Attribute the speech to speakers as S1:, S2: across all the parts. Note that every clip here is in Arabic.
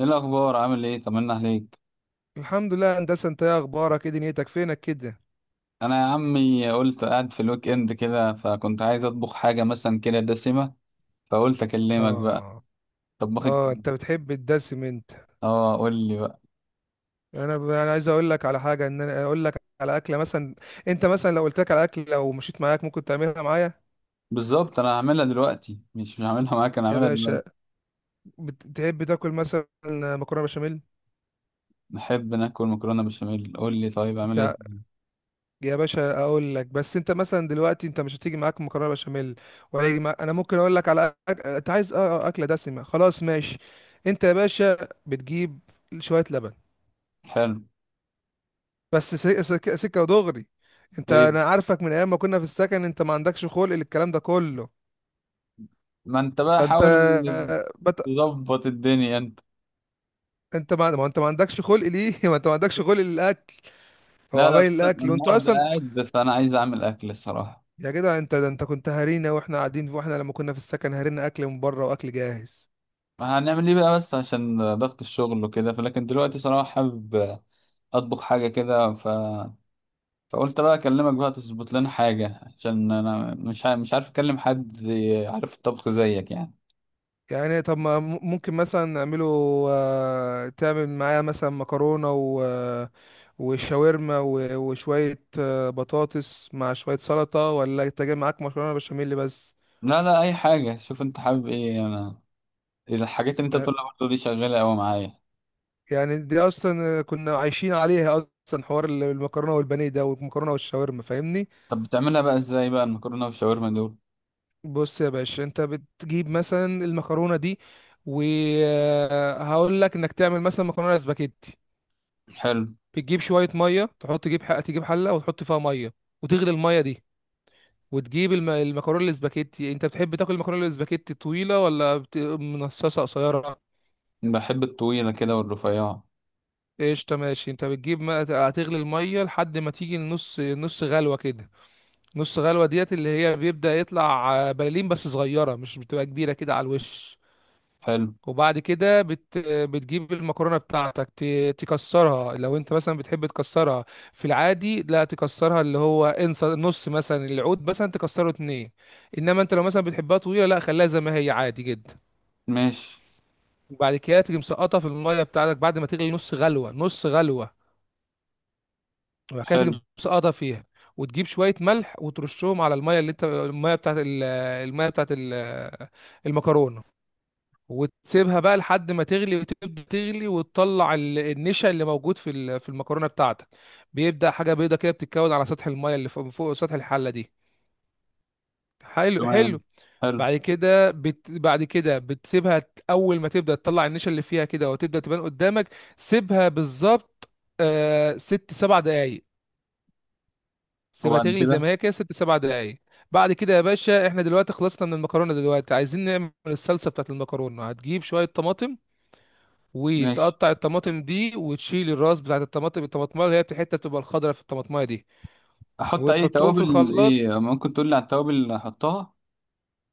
S1: ايه الاخبار؟ عامل ايه؟ طمنا عليك.
S2: الحمد لله يا هندسه، انت ايه اخبارك؟ ايه دنيتك؟ فينك كده؟
S1: انا يا عمي قلت قاعد في الويك اند كده، فكنت عايز اطبخ حاجه مثلا كده دسمه، فقلت اكلمك بقى.
S2: اه،
S1: طبخك.
S2: اه، انت بتحب الدسم انت؟
S1: اه، قول لي بقى.
S2: انا عايز اقول لك على حاجه، ان انا اقول لك على اكله مثلا. انت مثلا لو قلت لك على اكله، لو مشيت معاك ممكن تعملها معايا؟
S1: بالظبط، انا هعملها دلوقتي، مش هعملها معاك، انا
S2: يا
S1: هعملها
S2: باشا،
S1: دلوقتي.
S2: بتحب تاكل مثلا مكرونه بشاميل؟
S1: نحب ناكل مكرونه بشاميل، قول لي طيب اعملها
S2: انت
S1: ازاي؟
S2: يا باشا اقول لك، بس انت مثلا دلوقتي انت مش هتيجي معاك مكرونه بشاميل ولا يجي معاك. انا ممكن اقول لك على انت عايز اكله دسمه، خلاص ماشي. انت يا باشا بتجيب شويه لبن،
S1: حلو.
S2: بس سكة ودغري. انت
S1: ايه؟
S2: انا عارفك من ايام ما كنا في السكن، انت ما عندكش خلق للكلام ده كله.
S1: ما انت بقى
S2: فانت
S1: حاول
S2: بت...
S1: تظبط الدنيا انت.
S2: انت ما... ما انت ما عندكش خلق ليه؟ ما انت ما عندكش خلق للاكل. هو
S1: لا لا،
S2: عمال
S1: بس أنا
S2: الاكل وانت
S1: النهارده
S2: اصلا
S1: قاعد، فانا عايز اعمل اكل الصراحه.
S2: يا جدع، انت ده انت كنت هارينا واحنا قاعدين، واحنا لما كنا في السكن هارينا اكل من بره واكل جاهز.
S1: هنعمل ايه بقى بس عشان ضغط الشغل وكده، فلكن دلوقتي صراحه حابب اطبخ حاجه كده، فقلت بقى اكلمك بقى تظبط لنا حاجه، عشان انا مش عارف اكلم حد عارف الطبخ زيك يعني.
S2: يعني طب ما م- ممكن مثلا نعمله. تعمل معاه مثلا مكرونة و وشاورما وشوية بطاطس مع شوية سلطة، ولا انت جاي معاك مكرونة بشاميل بس؟
S1: لا لا، اي حاجه، شوف انت حابب ايه. انا الحاجات اللي انت
S2: ما-
S1: بتقولها برضه دي شغاله قوي معايا.
S2: يعني دي أصلا كنا عايشين عليها أصلا، حوار المكرونة والبانيه ده، والمكرونة والشاورما، فاهمني.
S1: طب بتعملها بقى ازاي بقى المكرونه والشاورما دول؟
S2: بص يا باشا، انت بتجيب مثلا المكرونة دي وهقول لك انك تعمل مثلا مكرونة سباكيتي.
S1: حلو.
S2: بتجيب شويه ميه تحط، تجيب حق، تجيب حله وتحط فيها ميه، وتغلي الميه دي. وتجيب المكرونه الاسباجيتي. انت بتحب تاكل المكرونه الاسباجيتي طويله ولا منصصه قصيره؟
S1: بحب الطويله كده والرفيعه.
S2: قشطه، ماشي. انت بتجيب ما... هتغلي الميه لحد ما تيجي النص، نص غلوه كده. نص غلوه ديت اللي هي بيبدا يطلع بلالين بس صغيره، مش بتبقى كبيره كده على الوش.
S1: حلو.
S2: وبعد كده بتجيب المكرونه بتاعتك، تكسرها لو انت مثلا بتحب تكسرها. في العادي لا تكسرها، اللي هو انسى نص مثلا العود مثلا تكسره اتنين. انما انت لو مثلا بتحبها طويله، لا خليها زي ما هي عادي جدا.
S1: ماشي.
S2: وبعد كده تيجي مسقطها في الميه بتاعتك بعد ما تغلي نص غلوه، نص غلوه. وبعد كده
S1: حلو.
S2: تيجي مسقطها فيها. وتجيب شويه ملح وترشهم على الميه، اللي انت الميه بتاعت الميه بتاعت المكرونه. وتسيبها بقى لحد ما تغلي، وتبدا تغلي، وتطلع النشا اللي موجود في المكرونه بتاعتك. بيبدا حاجه بيضه كده بتتكون على سطح الميه، اللي فوق فوق سطح الحله دي. حلو
S1: تمام.
S2: حلو.
S1: حلو.
S2: بعد كده بتسيبها اول ما تبدا تطلع النشا اللي فيها كده وتبدا تبان قدامك. سيبها بالظبط، 6 7 دقايق. سيبها
S1: وبعد
S2: تغلي زي
S1: كده؟
S2: ما هي كده 6 7 دقايق. بعد كده يا باشا، احنا دلوقتي خلصنا من المكرونه. دلوقتي عايزين نعمل الصلصه بتاعت المكرونه. هتجيب شويه طماطم،
S1: ماشي.
S2: وتقطع الطماطم دي، وتشيل الراس بتاعت الطماطم، الطماطمايه اللي هي الحته بتبقى الخضراء في الطماطمايه دي.
S1: احط اي
S2: وتحطهم في
S1: توابل؟
S2: الخلاط.
S1: ايه ممكن تقول لي على التوابل اللي احطها؟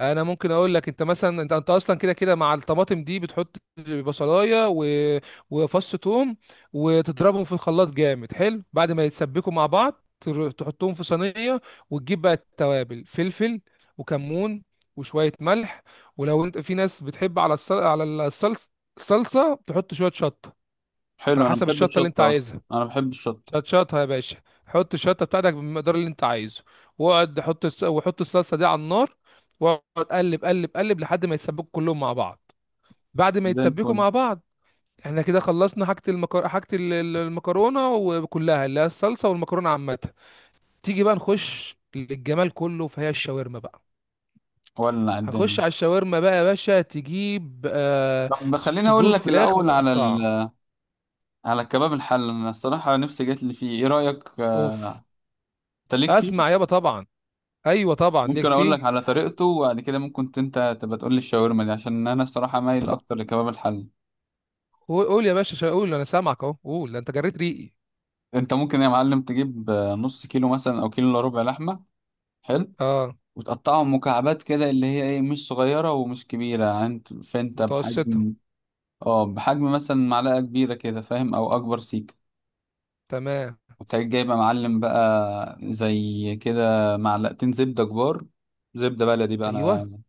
S2: انا ممكن اقول لك، انت مثلا انت اصلا كده كده مع الطماطم دي بتحط بصلايه وفص ثوم، وتضربهم في الخلاط جامد حلو. بعد ما يتسبكوا مع بعض تحطهم في صينيه. وتجيب بقى التوابل: فلفل وكمون وشويه ملح. ولو انت في ناس بتحب على على الصلصه الصلصه تحط شويه شطه. على
S1: حلو، انا
S2: حسب
S1: بحب
S2: الشطه اللي انت
S1: الشطه اصلا،
S2: عايزها.
S1: انا بحب الشطه.
S2: شطشطها يا باشا، حط الشطه بتاعتك بالمقدار اللي انت عايزه. واقعد حط الس... وحط الصلصه دي على النار، واقعد قلب قلب قلب لحد ما يتسبكوا كلهم مع بعض. بعد ما
S1: زي
S2: يتسبكوا
S1: الفل.
S2: مع بعض، احنا كده خلصنا حاجه المكرونه وكلها، اللي هي الصلصه والمكرونه عامه. تيجي بقى نخش للجمال كله فهي الشاورما بقى.
S1: ولع
S2: هنخش
S1: الدنيا.
S2: على الشاورما بقى يا باشا، تجيب
S1: طب خليني اقول
S2: صدور
S1: لك
S2: فراخ
S1: الاول على
S2: متقطعه.
S1: على الكباب الحل، انا الصراحه نفسي جات لي فيه، ايه رايك
S2: اوف.
S1: انت ليك
S2: اسمع
S1: فيه؟
S2: يابا، طبعا. ايوه طبعا ليك
S1: ممكن اقول لك
S2: فيه.
S1: على طريقته، وبعد كده ممكن انت تبقى تقول لي الشاورما دي، عشان انا الصراحه مايل اكتر لكباب الحل.
S2: قول قول يا باشا قول، انا سامعك اهو، قول ده انت جريت ريقي.
S1: انت ممكن يا معلم تجيب نص كيلو مثلا او كيلو الا ربع لحمه. حلو.
S2: اه.
S1: وتقطعهم مكعبات كده اللي هي ايه، مش صغيره ومش كبيره يعني فانت
S2: متوسطة.
S1: بحجم. اه، بحجم مثلا معلقه كبيره كده فاهم، او اكبر سيك.
S2: تمام.
S1: وتلاقيك جايبه معلم بقى زي كده معلقتين زبده كبار، زبده بلدي بقى
S2: ايوه.
S1: انا.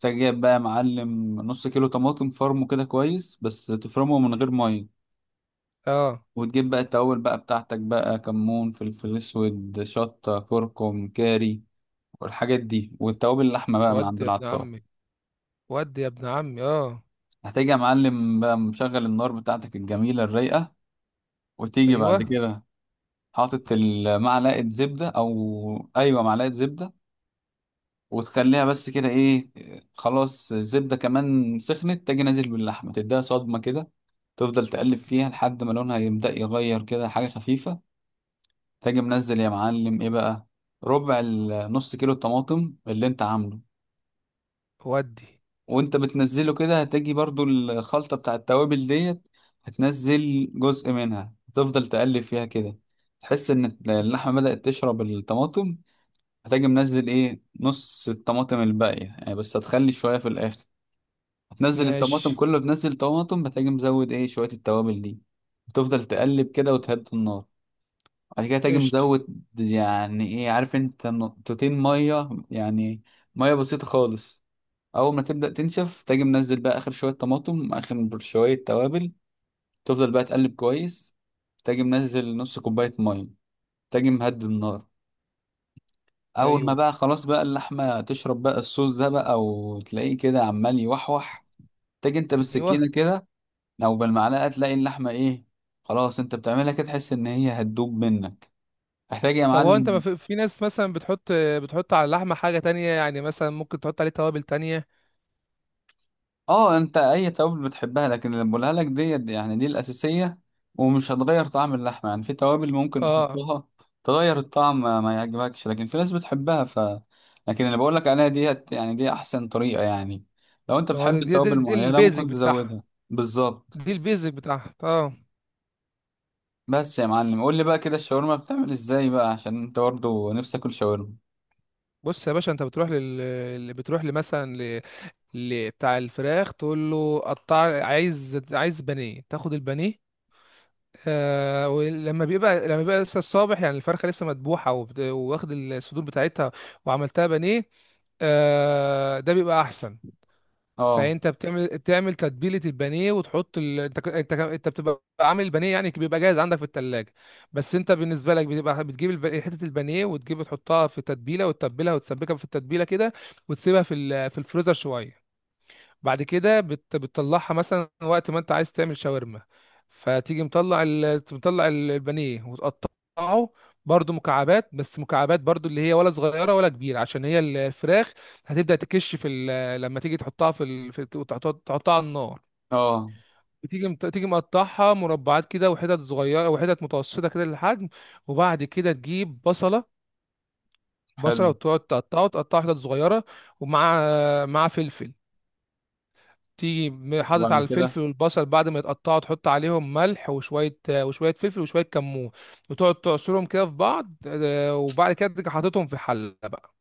S1: تلاقيك جايب بقى معلم نص كيلو طماطم، فرمه كده كويس بس تفرمه من غير ميه.
S2: اه.
S1: وتجيب بقى التوابل بقى بتاعتك بقى كمون، فلفل اسود، شطه، كركم، كاري، والحاجات دي، والتوابل اللحمه بقى من عند
S2: ودي يا ابن
S1: العطار.
S2: عمي، ودي يا ابن عمي، اه.
S1: هتيجي يا معلم بقى مشغل النار بتاعتك الجميله الرايقه، وتيجي بعد
S2: ايوه.
S1: كده حاطط معلقه زبده، او ايوه معلقه زبده. وتخليها بس كده ايه. خلاص، الزبدة كمان سخنت، تجي نازل باللحمة تديها صدمة كده. تفضل تقلب فيها لحد ما لونها يبدأ يغير كده حاجة خفيفة. تجي منزل يا معلم ايه بقى، ربع نص كيلو الطماطم اللي انت عامله.
S2: ودي.
S1: وانت بتنزله كده، هتجي برضو الخلطة بتاع التوابل ديت، هتنزل جزء منها، تفضل تقلب فيها كده، تحس ان اللحمة بدأت تشرب الطماطم. هتجي منزل ايه نص الطماطم الباقية، يعني بس هتخلي شوية في الآخر. هتنزل
S2: ماشي.
S1: الطماطم كله، بنزل طماطم، هتجي مزود ايه شوية التوابل دي. وتفضل تقلب كده وتهدي النار. بعد كده تجي
S2: قشطة.
S1: مزود يعني ايه عارف انت، نقطتين مية يعني. مية بسيطة خالص. أول ما تبدأ تنشف، تجي منزل بقى آخر شوية طماطم، آخر شوية توابل. تفضل بقى تقلب كويس. تجي منزل نص كوباية مية. تجي مهدي النار. أول ما
S2: ايوه.
S1: بقى خلاص بقى اللحمة تشرب بقى الصوص ده بقى، وتلاقيه كده عمال يوحوح. تجي انت
S2: ايوه.
S1: بالسكينة كده. او بالمعلقه تلاقي اللحمه ايه خلاص، انت بتعملها كده تحس ان هي هتدوب منك. محتاج يا
S2: طب هو انت، ما
S1: معلم.
S2: في ناس مثلا بتحط، على اللحمة حاجة تانية؟ يعني مثلا ممكن تحط عليه توابل تانية.
S1: اه، انت اي توابل بتحبها، لكن اللي بقولها لك دي يعني دي الاساسيه، ومش هتغير طعم اللحمه. يعني في توابل ممكن
S2: اه.
S1: تحطها تغير الطعم ما ما يعجبكش، لكن في ناس بتحبها، لكن اللي بقول لك عليها ديت يعني دي احسن طريقه يعني. لو انت
S2: ما هو
S1: بتحب توابل
S2: دي
S1: معينه
S2: البيزك
S1: ممكن
S2: بتاعها،
S1: تزودها. بالظبط.
S2: دي البيزك بتاعها، اه.
S1: بس يا معلم قول لي بقى كده الشاورما بتعمل ازاي بقى، عشان انت برضه نفسك اكل شاورما.
S2: بص يا باشا، انت بتروح اللي بتروح لمثلا بتاع الفراخ، تقول له قطع، عايز بانيه، تاخد البانيه. ولما بيبقى لسه الصابح، يعني الفرخه لسه مذبوحه واخد الصدور بتاعتها وعملتها بانيه. ده بيبقى احسن.
S1: اه،
S2: فانت بتعمل تتبيله البانيه وتحط ال... انت ك- انت ك- انت بتبقى عامل البانيه، يعني بيبقى جاهز عندك في التلاجة. بس انت بالنسبه لك بتبقى بتجيب حته البانيه وتجيب تحطها في تتبيله وتتبلها وتسبكها في التتبيله كده. وتسيبها في الفريزر شويه. بعد كده بتطلعها مثلا وقت ما انت عايز تعمل شاورما. فتيجي مطلع البانيه وتقطعه، برضو مكعبات، بس مكعبات برضو اللي هي ولا صغيره ولا كبيره عشان هي الفراخ. هتبدا تكش لما تيجي تحطها في, ال... في... تحط- تحطها على النار.
S1: اه.
S2: تيجي مقطعها مربعات كده، وحتت صغيره وحتت متوسطه كده للحجم. وبعد كده تجيب بصله، بصله،
S1: حلو.
S2: وتقعد تقطعه تقطعه حتت صغيره، ومع فلفل. تيجي حاطط
S1: وبعد
S2: على
S1: كده؟
S2: الفلفل والبصل. بعد ما يتقطعوا تحط عليهم ملح وشوية فلفل وشوية كمون، وتقعد تعصرهم كده في بعض، وبعد كده تيجي حاططهم في حلة بقى.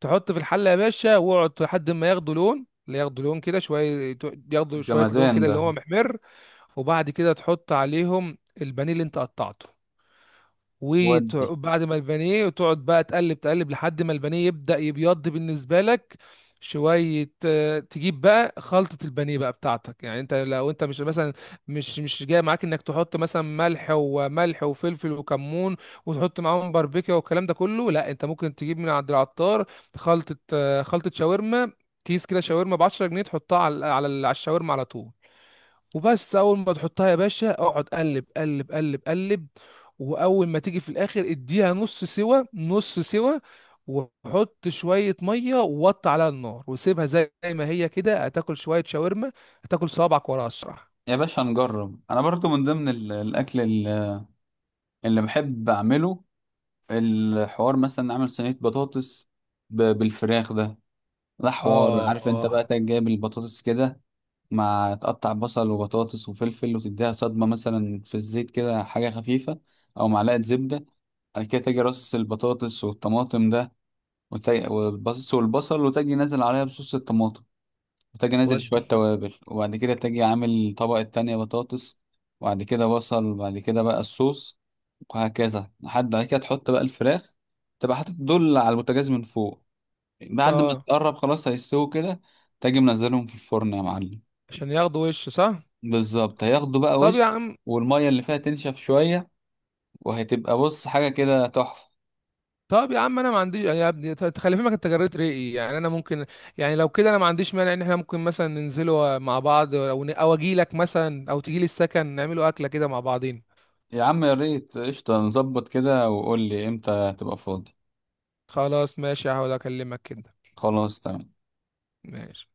S2: تحط في الحلة يا باشا، واقعد لحد ما ياخدوا لون، اللي ياخدوا لون كده شوية، ياخدوا شوية لون
S1: جمدان
S2: كده
S1: ده.
S2: اللي هو محمر. وبعد كده تحط عليهم البانيه اللي انت قطعته.
S1: ودي.
S2: وبعد ما البانيه وتقعد بقى تقلب تقلب لحد ما البانيه يبدأ يبيض بالنسبة لك شوية. تجيب بقى خلطة البانيه بقى بتاعتك. يعني انت لو انت مش مثلا مش مش جاي معاك انك تحط مثلا ملح وملح وفلفل وكمون، وتحط معاهم باربيكيا والكلام ده كله، لا. انت ممكن تجيب من عند العطار خلطة، خلطة شاورما، كيس كده شاورما ب 10 جنيه، تحطها على الشاورما على طول. وبس اول ما تحطها يا باشا اقعد قلب قلب قلب قلب. واول ما تيجي في الاخر اديها نص سوا، نص سوا. وحط شوية مية ووطي عليها النار وسيبها زي ما هي كده، هتاكل شوية شاورما هتاكل صوابعك ورا اسرع.
S1: يا باشا نجرب، انا برضو من ضمن الاكل اللي بحب اعمله. الحوار مثلا نعمل صينية بطاطس بالفراخ ده. ده حوار
S2: اه.
S1: عارف انت، بقى
S2: اه.
S1: تجي جايب البطاطس كده، مع تقطع بصل وبطاطس وفلفل، وتديها صدمة مثلا في الزيت كده حاجة خفيفة. او معلقة زبدة. بعد كده تجي رص البطاطس والطماطم ده، والبطاطس والبصل، وتجي نازل عليها بصوص الطماطم. وتجي نازل شوية
S2: ودي.
S1: توابل، وبعد كده تجي عامل طبقة تانية بطاطس. وبعد كده بصل، وبعد كده بقى الصوص. وهكذا، لحد بعد كده تحط بقى الفراخ. تبقى حاطط دول على البوتاجاز من فوق. بعد ما
S2: اه،
S1: تقرب خلاص هيستووا كده. تجي منزلهم في الفرن يا معلم.
S2: عشان ياخدوا وش، صح.
S1: بالظبط، هياخدوا بقى
S2: طب يا
S1: وش.
S2: عم.
S1: والمية اللي فيها تنشف شوية. وهتبقى، بص، حاجة كده تحفة.
S2: انا ما عنديش، يعني يا ابني تخلي فهمك، انت جريت رأيي. يعني انا ممكن، يعني لو كده انا ما عنديش مانع ان احنا ممكن مثلا ننزلوا مع بعض، او او اجي لك مثلا او تجي لي السكن نعملوا اكله كده مع بعضين.
S1: يا عم يا ريت، قشطة، نظبط كده وقول لي امتى تبقى فاضي.
S2: خلاص ماشي، هحاول اكلمك كده.
S1: خلاص تمام.
S2: ماشي.